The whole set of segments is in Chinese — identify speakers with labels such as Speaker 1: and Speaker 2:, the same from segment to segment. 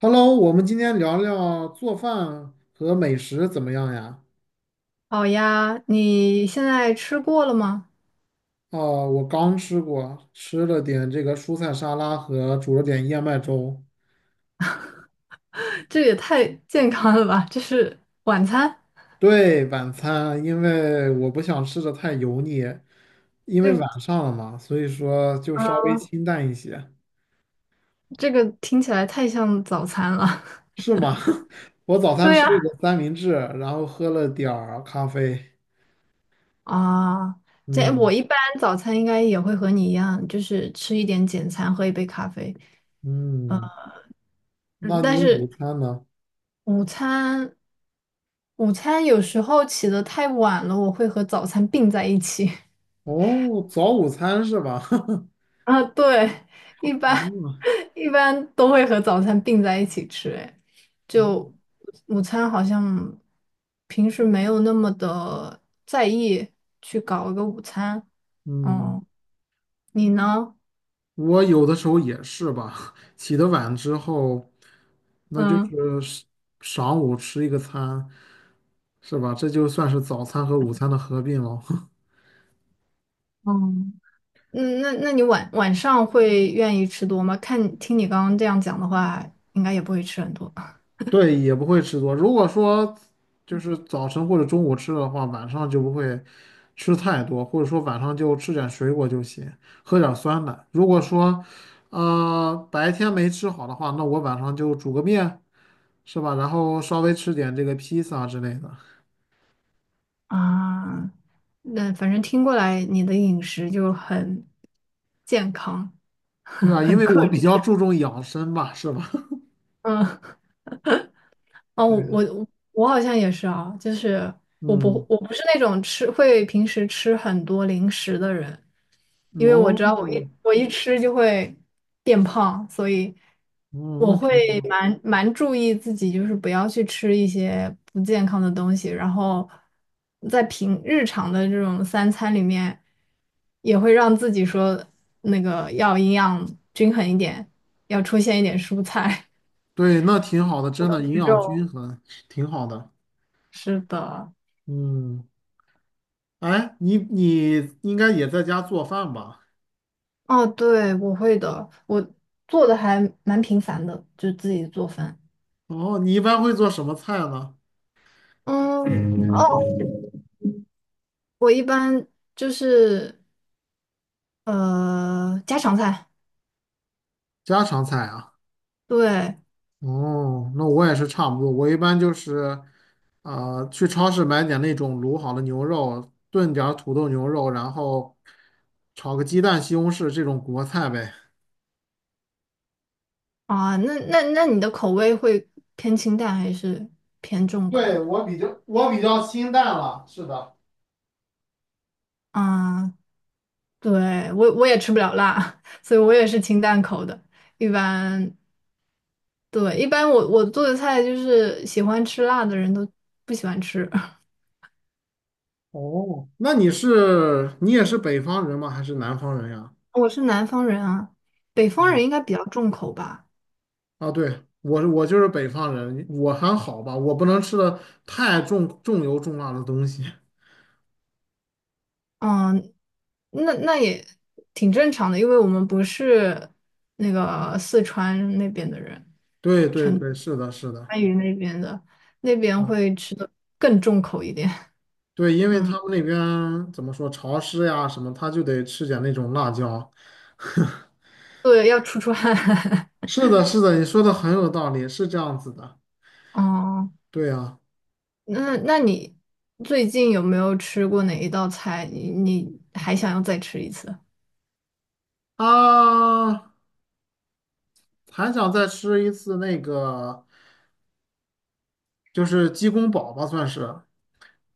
Speaker 1: Hello，我们今天聊聊做饭和美食怎么样呀？
Speaker 2: 好呀，你现在吃过了吗？
Speaker 1: 哦，我刚吃过，吃了点这个蔬菜沙拉和煮了点燕麦粥。
Speaker 2: 这也太健康了吧！这是晚餐。
Speaker 1: 对，晚餐，因为我不想吃的太油腻，因为晚上了嘛，所以说就稍微清淡一些，
Speaker 2: 这个听起来太像早餐了。
Speaker 1: 是吗？我早 餐
Speaker 2: 对呀。
Speaker 1: 吃了个三明治，然后喝了点儿咖啡。
Speaker 2: 啊，这我
Speaker 1: 嗯
Speaker 2: 一般早餐应该也会和你一样，就是吃一点简餐，喝一杯咖啡。
Speaker 1: 嗯，
Speaker 2: 嗯，
Speaker 1: 那
Speaker 2: 但
Speaker 1: 你午
Speaker 2: 是
Speaker 1: 餐呢？
Speaker 2: 午餐，午餐有时候起得太晚了，我会和早餐并在一起。
Speaker 1: 哦，早午餐是吧？
Speaker 2: 啊，对，一般 一般都会和早餐并在一起吃。哎，
Speaker 1: 嗯
Speaker 2: 就午餐好像平时没有那么的在意去搞一个午餐。
Speaker 1: 嗯，
Speaker 2: 哦，你呢？
Speaker 1: 我有的时候也是吧，起得晚之后，那就
Speaker 2: 嗯
Speaker 1: 是是晌午吃一个餐，是吧？这就算是早餐和午餐的合并了。
Speaker 2: 嗯那你晚上会愿意吃多吗？听你刚刚这样讲的话，应该也不会吃很多
Speaker 1: 对，也不会吃多。如果说就是早晨或者中午吃的话，晚上就不会吃太多，或者说晚上就吃点水果就行，喝点酸奶。如果说白天没吃好的话，那我晚上就煮个面，是吧？然后稍微吃点这个披萨之类的。
Speaker 2: 啊。那反正听过来，你的饮食就很健康，
Speaker 1: 对啊，因
Speaker 2: 很
Speaker 1: 为
Speaker 2: 克
Speaker 1: 我比
Speaker 2: 制。
Speaker 1: 较注重养生吧，是吧？
Speaker 2: 嗯哦，我
Speaker 1: 对，
Speaker 2: 我我好像也是啊，就是我不
Speaker 1: 嗯，
Speaker 2: 我不是那种会平时吃很多零食的人，因为我
Speaker 1: 哦，
Speaker 2: 知道我一吃就会变胖，所以
Speaker 1: 哦，那
Speaker 2: 我
Speaker 1: 挺
Speaker 2: 会
Speaker 1: 好，
Speaker 2: 蛮注意自己，就是不要去吃一些不健康的东西，然后在平日常的这种三餐里面，也会让自己说那个要营养均衡一点，要出现一点蔬菜。
Speaker 1: 对，那挺好的，真的 营养
Speaker 2: 肉，
Speaker 1: 均衡，挺好的。
Speaker 2: 是的。
Speaker 1: 嗯，哎，你应该也在家做饭吧？
Speaker 2: 哦，对，我会的，我做的还蛮频繁的，就自己做饭。
Speaker 1: 哦，你一般会做什么菜呢？
Speaker 2: 嗯，哦，我一般就是家常菜。
Speaker 1: 家常菜啊。
Speaker 2: 对
Speaker 1: 哦，那我也是差不多，我一般就是，去超市买点那种卤好的牛肉，炖点儿土豆牛肉，然后炒个鸡蛋、西红柿这种国菜呗。
Speaker 2: 啊，那你的口味会偏清淡还是偏重口
Speaker 1: 对，
Speaker 2: 的？
Speaker 1: 我比较清淡了，是的，
Speaker 2: 啊，对，我也吃不了辣，所以我也是清淡口的。一般对，一般我做的菜就是喜欢吃辣的人都不喜欢吃。
Speaker 1: 哦，那你也是北方人吗？还是南方人呀？
Speaker 2: 我是南方人啊，北方
Speaker 1: 嗯
Speaker 2: 人应该比较重口吧。
Speaker 1: 啊，对，我就是北方人，我还好吧，我不能吃的太重油重辣的东西。
Speaker 2: 嗯，那也挺正常的，因为我们不是那个四川那边的人，
Speaker 1: 对对对，是的，是的，
Speaker 2: 川渝那边的，那边会吃的更重口一点。
Speaker 1: 对，因为他
Speaker 2: 嗯，
Speaker 1: 们那边怎么说潮湿呀什么，他就得吃点那种辣椒。
Speaker 2: 对，要出汗。
Speaker 1: 是的，是的，你说的很有道理，是这样子的。
Speaker 2: 哦，
Speaker 1: 对呀，
Speaker 2: 那你最近有没有吃过哪一道菜？你还想要再吃一次？
Speaker 1: 啊，还想再吃一次那个。就是鸡公煲吧，算是，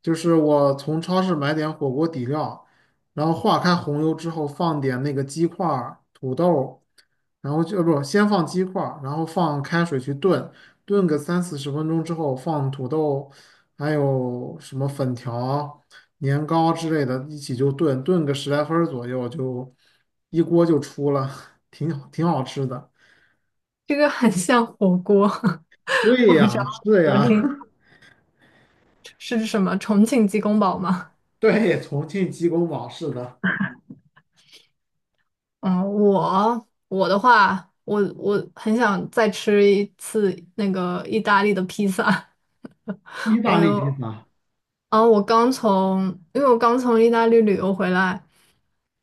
Speaker 1: 就是我从超市买点火锅底料，然后化开红油之后放点那个鸡块儿、土豆，然后就不先放鸡块儿，然后放开水去炖，炖个30到40分钟之后放土豆，还有什么粉条、年糕之类的一起就炖，炖个十来分儿左右就一锅就出了，挺好挺好吃的。
Speaker 2: 这个很像火锅。
Speaker 1: 对
Speaker 2: 我不知道
Speaker 1: 呀，是
Speaker 2: 昨
Speaker 1: 呀，
Speaker 2: 天是什么重庆鸡公煲吗？
Speaker 1: 对，重庆鸡公煲是的。
Speaker 2: 嗯，我的话，我很想再吃一次那个意大利的披萨。
Speaker 1: 意
Speaker 2: 我
Speaker 1: 大利披
Speaker 2: 有，
Speaker 1: 萨，
Speaker 2: 啊，我刚从，因为我刚从意大利旅游回来，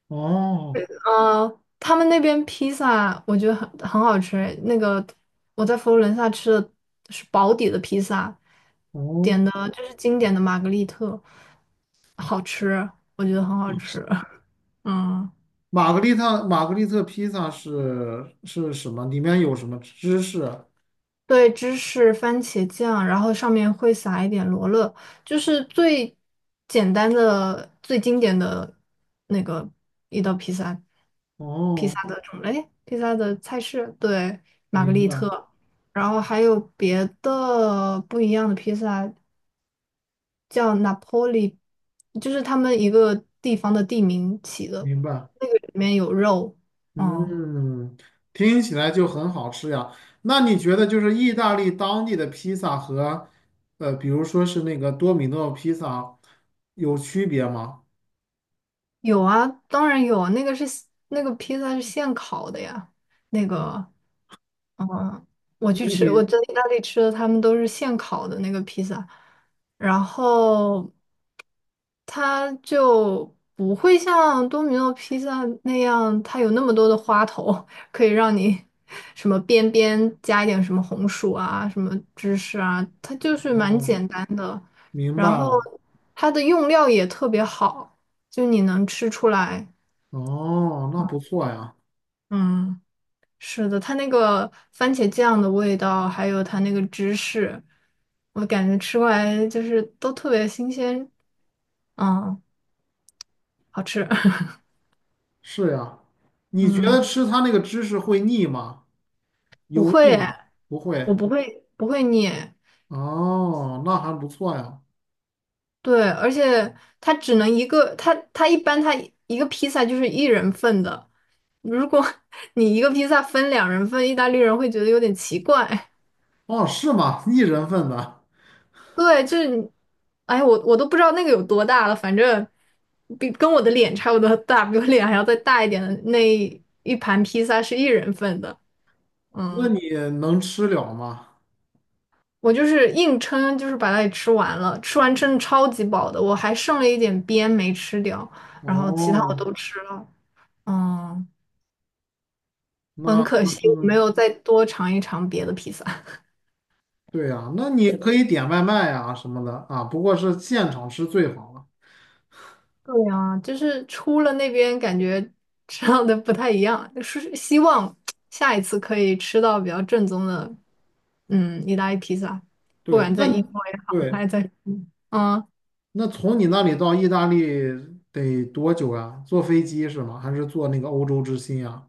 Speaker 1: 哦
Speaker 2: 他们那边披萨我觉得很好吃。那个我在佛罗伦萨吃的是薄底的披萨，
Speaker 1: 哦，
Speaker 2: 点的就是经典的玛格丽特，好吃，我觉得很好吃。嗯。
Speaker 1: 玛格丽特披萨是什么？里面有什么芝士？
Speaker 2: 对，芝士、番茄酱，然后上面会撒一点罗勒，就是最简单的、最经典的那个一道披萨，披
Speaker 1: 哦，
Speaker 2: 萨的种类，披萨的菜式，对，玛格
Speaker 1: 明
Speaker 2: 丽
Speaker 1: 白
Speaker 2: 特，然后还有别的不一样的披萨，叫 Napoli，就是他们一个地方的地名起的，
Speaker 1: 明白，
Speaker 2: 那个里面有肉，嗯，
Speaker 1: 嗯，听起来就很好吃呀。那你觉得就是意大利当地的披萨和比如说是那个多米诺披萨有区别吗？
Speaker 2: 有啊，当然有啊，那个披萨是现烤的呀，那个。嗯，我去
Speaker 1: 那
Speaker 2: 吃，我
Speaker 1: 你
Speaker 2: 在意大利吃的，他们都是现烤的那个披萨，然后它就不会像多米诺披萨那样，它有那么多的花头，可以让你什么边边加一点什么红薯啊，什么芝士啊，它就是蛮简单的，
Speaker 1: 明
Speaker 2: 然
Speaker 1: 白
Speaker 2: 后
Speaker 1: 了，
Speaker 2: 它的用料也特别好，就你能吃出来。
Speaker 1: 哦，那不错呀，
Speaker 2: 嗯，是的，它那个番茄酱的味道，还有它那个芝士，我感觉吃过来就是都特别新鲜，嗯，好吃。
Speaker 1: 是呀。你觉得
Speaker 2: 嗯，
Speaker 1: 吃它那个芝士会腻吗？
Speaker 2: 不
Speaker 1: 油腻
Speaker 2: 会
Speaker 1: 吗？
Speaker 2: 哎。
Speaker 1: 不
Speaker 2: 我
Speaker 1: 会。
Speaker 2: 不会捏。
Speaker 1: 哦，那还不错呀。
Speaker 2: 对，而且它只能一个，它一般一个披萨就是一人份的，如果 你一个披萨分两人份，意大利人会觉得有点奇怪。
Speaker 1: 哦，是吗？一人份的，
Speaker 2: 对，就是你，哎，我都不知道那个有多大了，反正跟我的脸差不多大，比我脸还要再大一点的那一盘披萨是一人份的。
Speaker 1: 那
Speaker 2: 嗯，
Speaker 1: 你能吃了吗？
Speaker 2: 我就是硬撑，就是把它给吃完了，吃完真的超级饱的，我还剩了一点边没吃掉，然后其他我
Speaker 1: 哦，
Speaker 2: 都吃了。嗯，很
Speaker 1: 那
Speaker 2: 可
Speaker 1: 那
Speaker 2: 惜
Speaker 1: 真
Speaker 2: 我
Speaker 1: 的
Speaker 2: 没
Speaker 1: 挺，
Speaker 2: 有再多尝一尝别的披萨。
Speaker 1: 对呀，那你可以点外卖呀什么的啊，不过是现场吃最好了。
Speaker 2: 对呀，就是出了那边感觉吃到的不太一样，是希望下一次可以吃到比较正宗的，嗯，意大利披萨，不
Speaker 1: 对，
Speaker 2: 管
Speaker 1: 那
Speaker 2: 在英
Speaker 1: 你
Speaker 2: 国也好，还
Speaker 1: 对，
Speaker 2: 是在，嗯，
Speaker 1: 那从你那里到意大利得多久呀？坐飞机是吗？还是坐那个欧洲之星呀？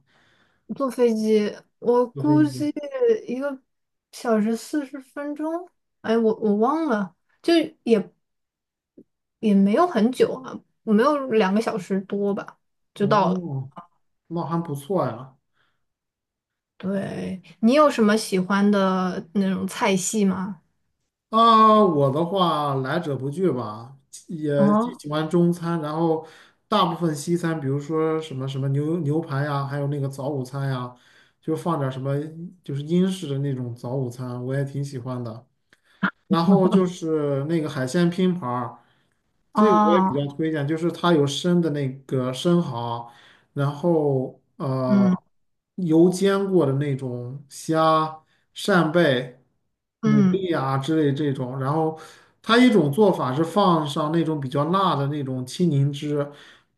Speaker 2: 坐飞机，我
Speaker 1: 坐飞
Speaker 2: 估
Speaker 1: 机。
Speaker 2: 计1个小时40分钟，哎，我忘了，就也也没有很久啊，没有2个小时多吧，就到了。
Speaker 1: 哦，那还不错呀。
Speaker 2: 对，你有什么喜欢的那种菜系吗？
Speaker 1: 啊，我的话来者不拒吧，也既
Speaker 2: 哦，
Speaker 1: 喜欢中餐，然后大部分西餐，比如说什么什么牛排呀，还有那个早午餐呀，就放点儿什么就是英式的那种早午餐，我也挺喜欢的。然后就是那个海鲜拼盘儿，这个我也比
Speaker 2: 哦，
Speaker 1: 较推荐，就是它有生的那个生蚝，然后
Speaker 2: 嗯
Speaker 1: 油煎过的那种虾、扇贝、牡
Speaker 2: 嗯，
Speaker 1: 蛎啊之类这种，然后它一种做法是放上那种比较辣的那种青柠汁，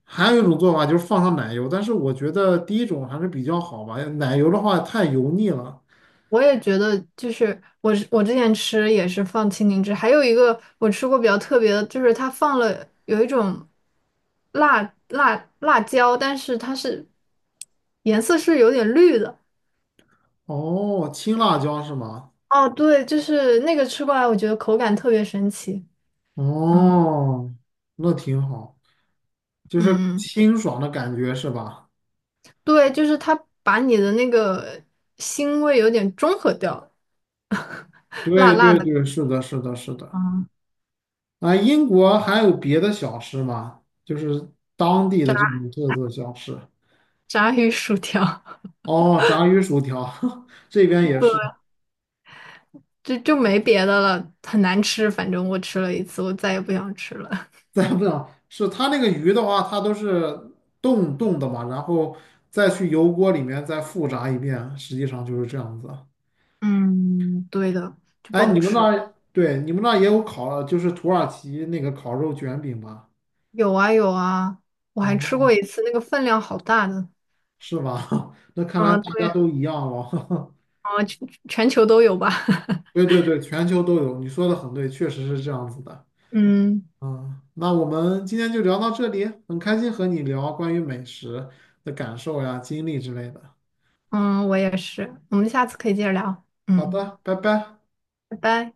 Speaker 1: 还有一种做法就是放上奶油，但是我觉得第一种还是比较好吧，奶油的话太油腻了。
Speaker 2: 我也觉得，就是我之前吃也是放青柠汁，还有一个我吃过比较特别的，就是它放了有一种辣辣辣椒，但是颜色是有点绿的。
Speaker 1: 哦，青辣椒是吗？
Speaker 2: 哦，对，就是那个吃过来，我觉得口感特别神奇。嗯
Speaker 1: 哦，那挺好。就是
Speaker 2: 嗯，嗯，
Speaker 1: 清爽的感觉是吧？
Speaker 2: 对，就是它把你的那个腥味有点中和掉了，辣
Speaker 1: 对
Speaker 2: 辣
Speaker 1: 对
Speaker 2: 的
Speaker 1: 对，是的，是的，是的。啊，英国还有别的小吃吗？就是当地的这种特色小吃。
Speaker 2: 炸鱼薯条。
Speaker 1: 哦，炸鱼薯条，这边也是。
Speaker 2: 就没别的了，很难吃。反正我吃了一次，我再也不想吃了。
Speaker 1: 再不讲，是它那个鱼的话，它都是冻冻的嘛，然后再去油锅里面再复炸一遍，实际上就是这样子。
Speaker 2: 嗯，对的，就不
Speaker 1: 哎，
Speaker 2: 好
Speaker 1: 你们那
Speaker 2: 吃。
Speaker 1: 儿，对，你们那儿也有烤，就是土耳其那个烤肉卷饼吧？
Speaker 2: 有啊有啊，我还吃
Speaker 1: 哦。
Speaker 2: 过一次，那个分量好大的。
Speaker 1: 是吧？那看来
Speaker 2: 嗯，
Speaker 1: 大家
Speaker 2: 对，
Speaker 1: 都一样了。
Speaker 2: 啊，全球都有吧？
Speaker 1: 对对对，全球都有，你说的很对，确实是这样子的。
Speaker 2: 嗯
Speaker 1: 嗯，那我们今天就聊到这里，很开心和你聊关于美食的感受呀、经历之类的。
Speaker 2: 嗯，我也是。我们下次可以接着聊。
Speaker 1: 好
Speaker 2: 嗯，
Speaker 1: 的，拜拜。
Speaker 2: 拜拜。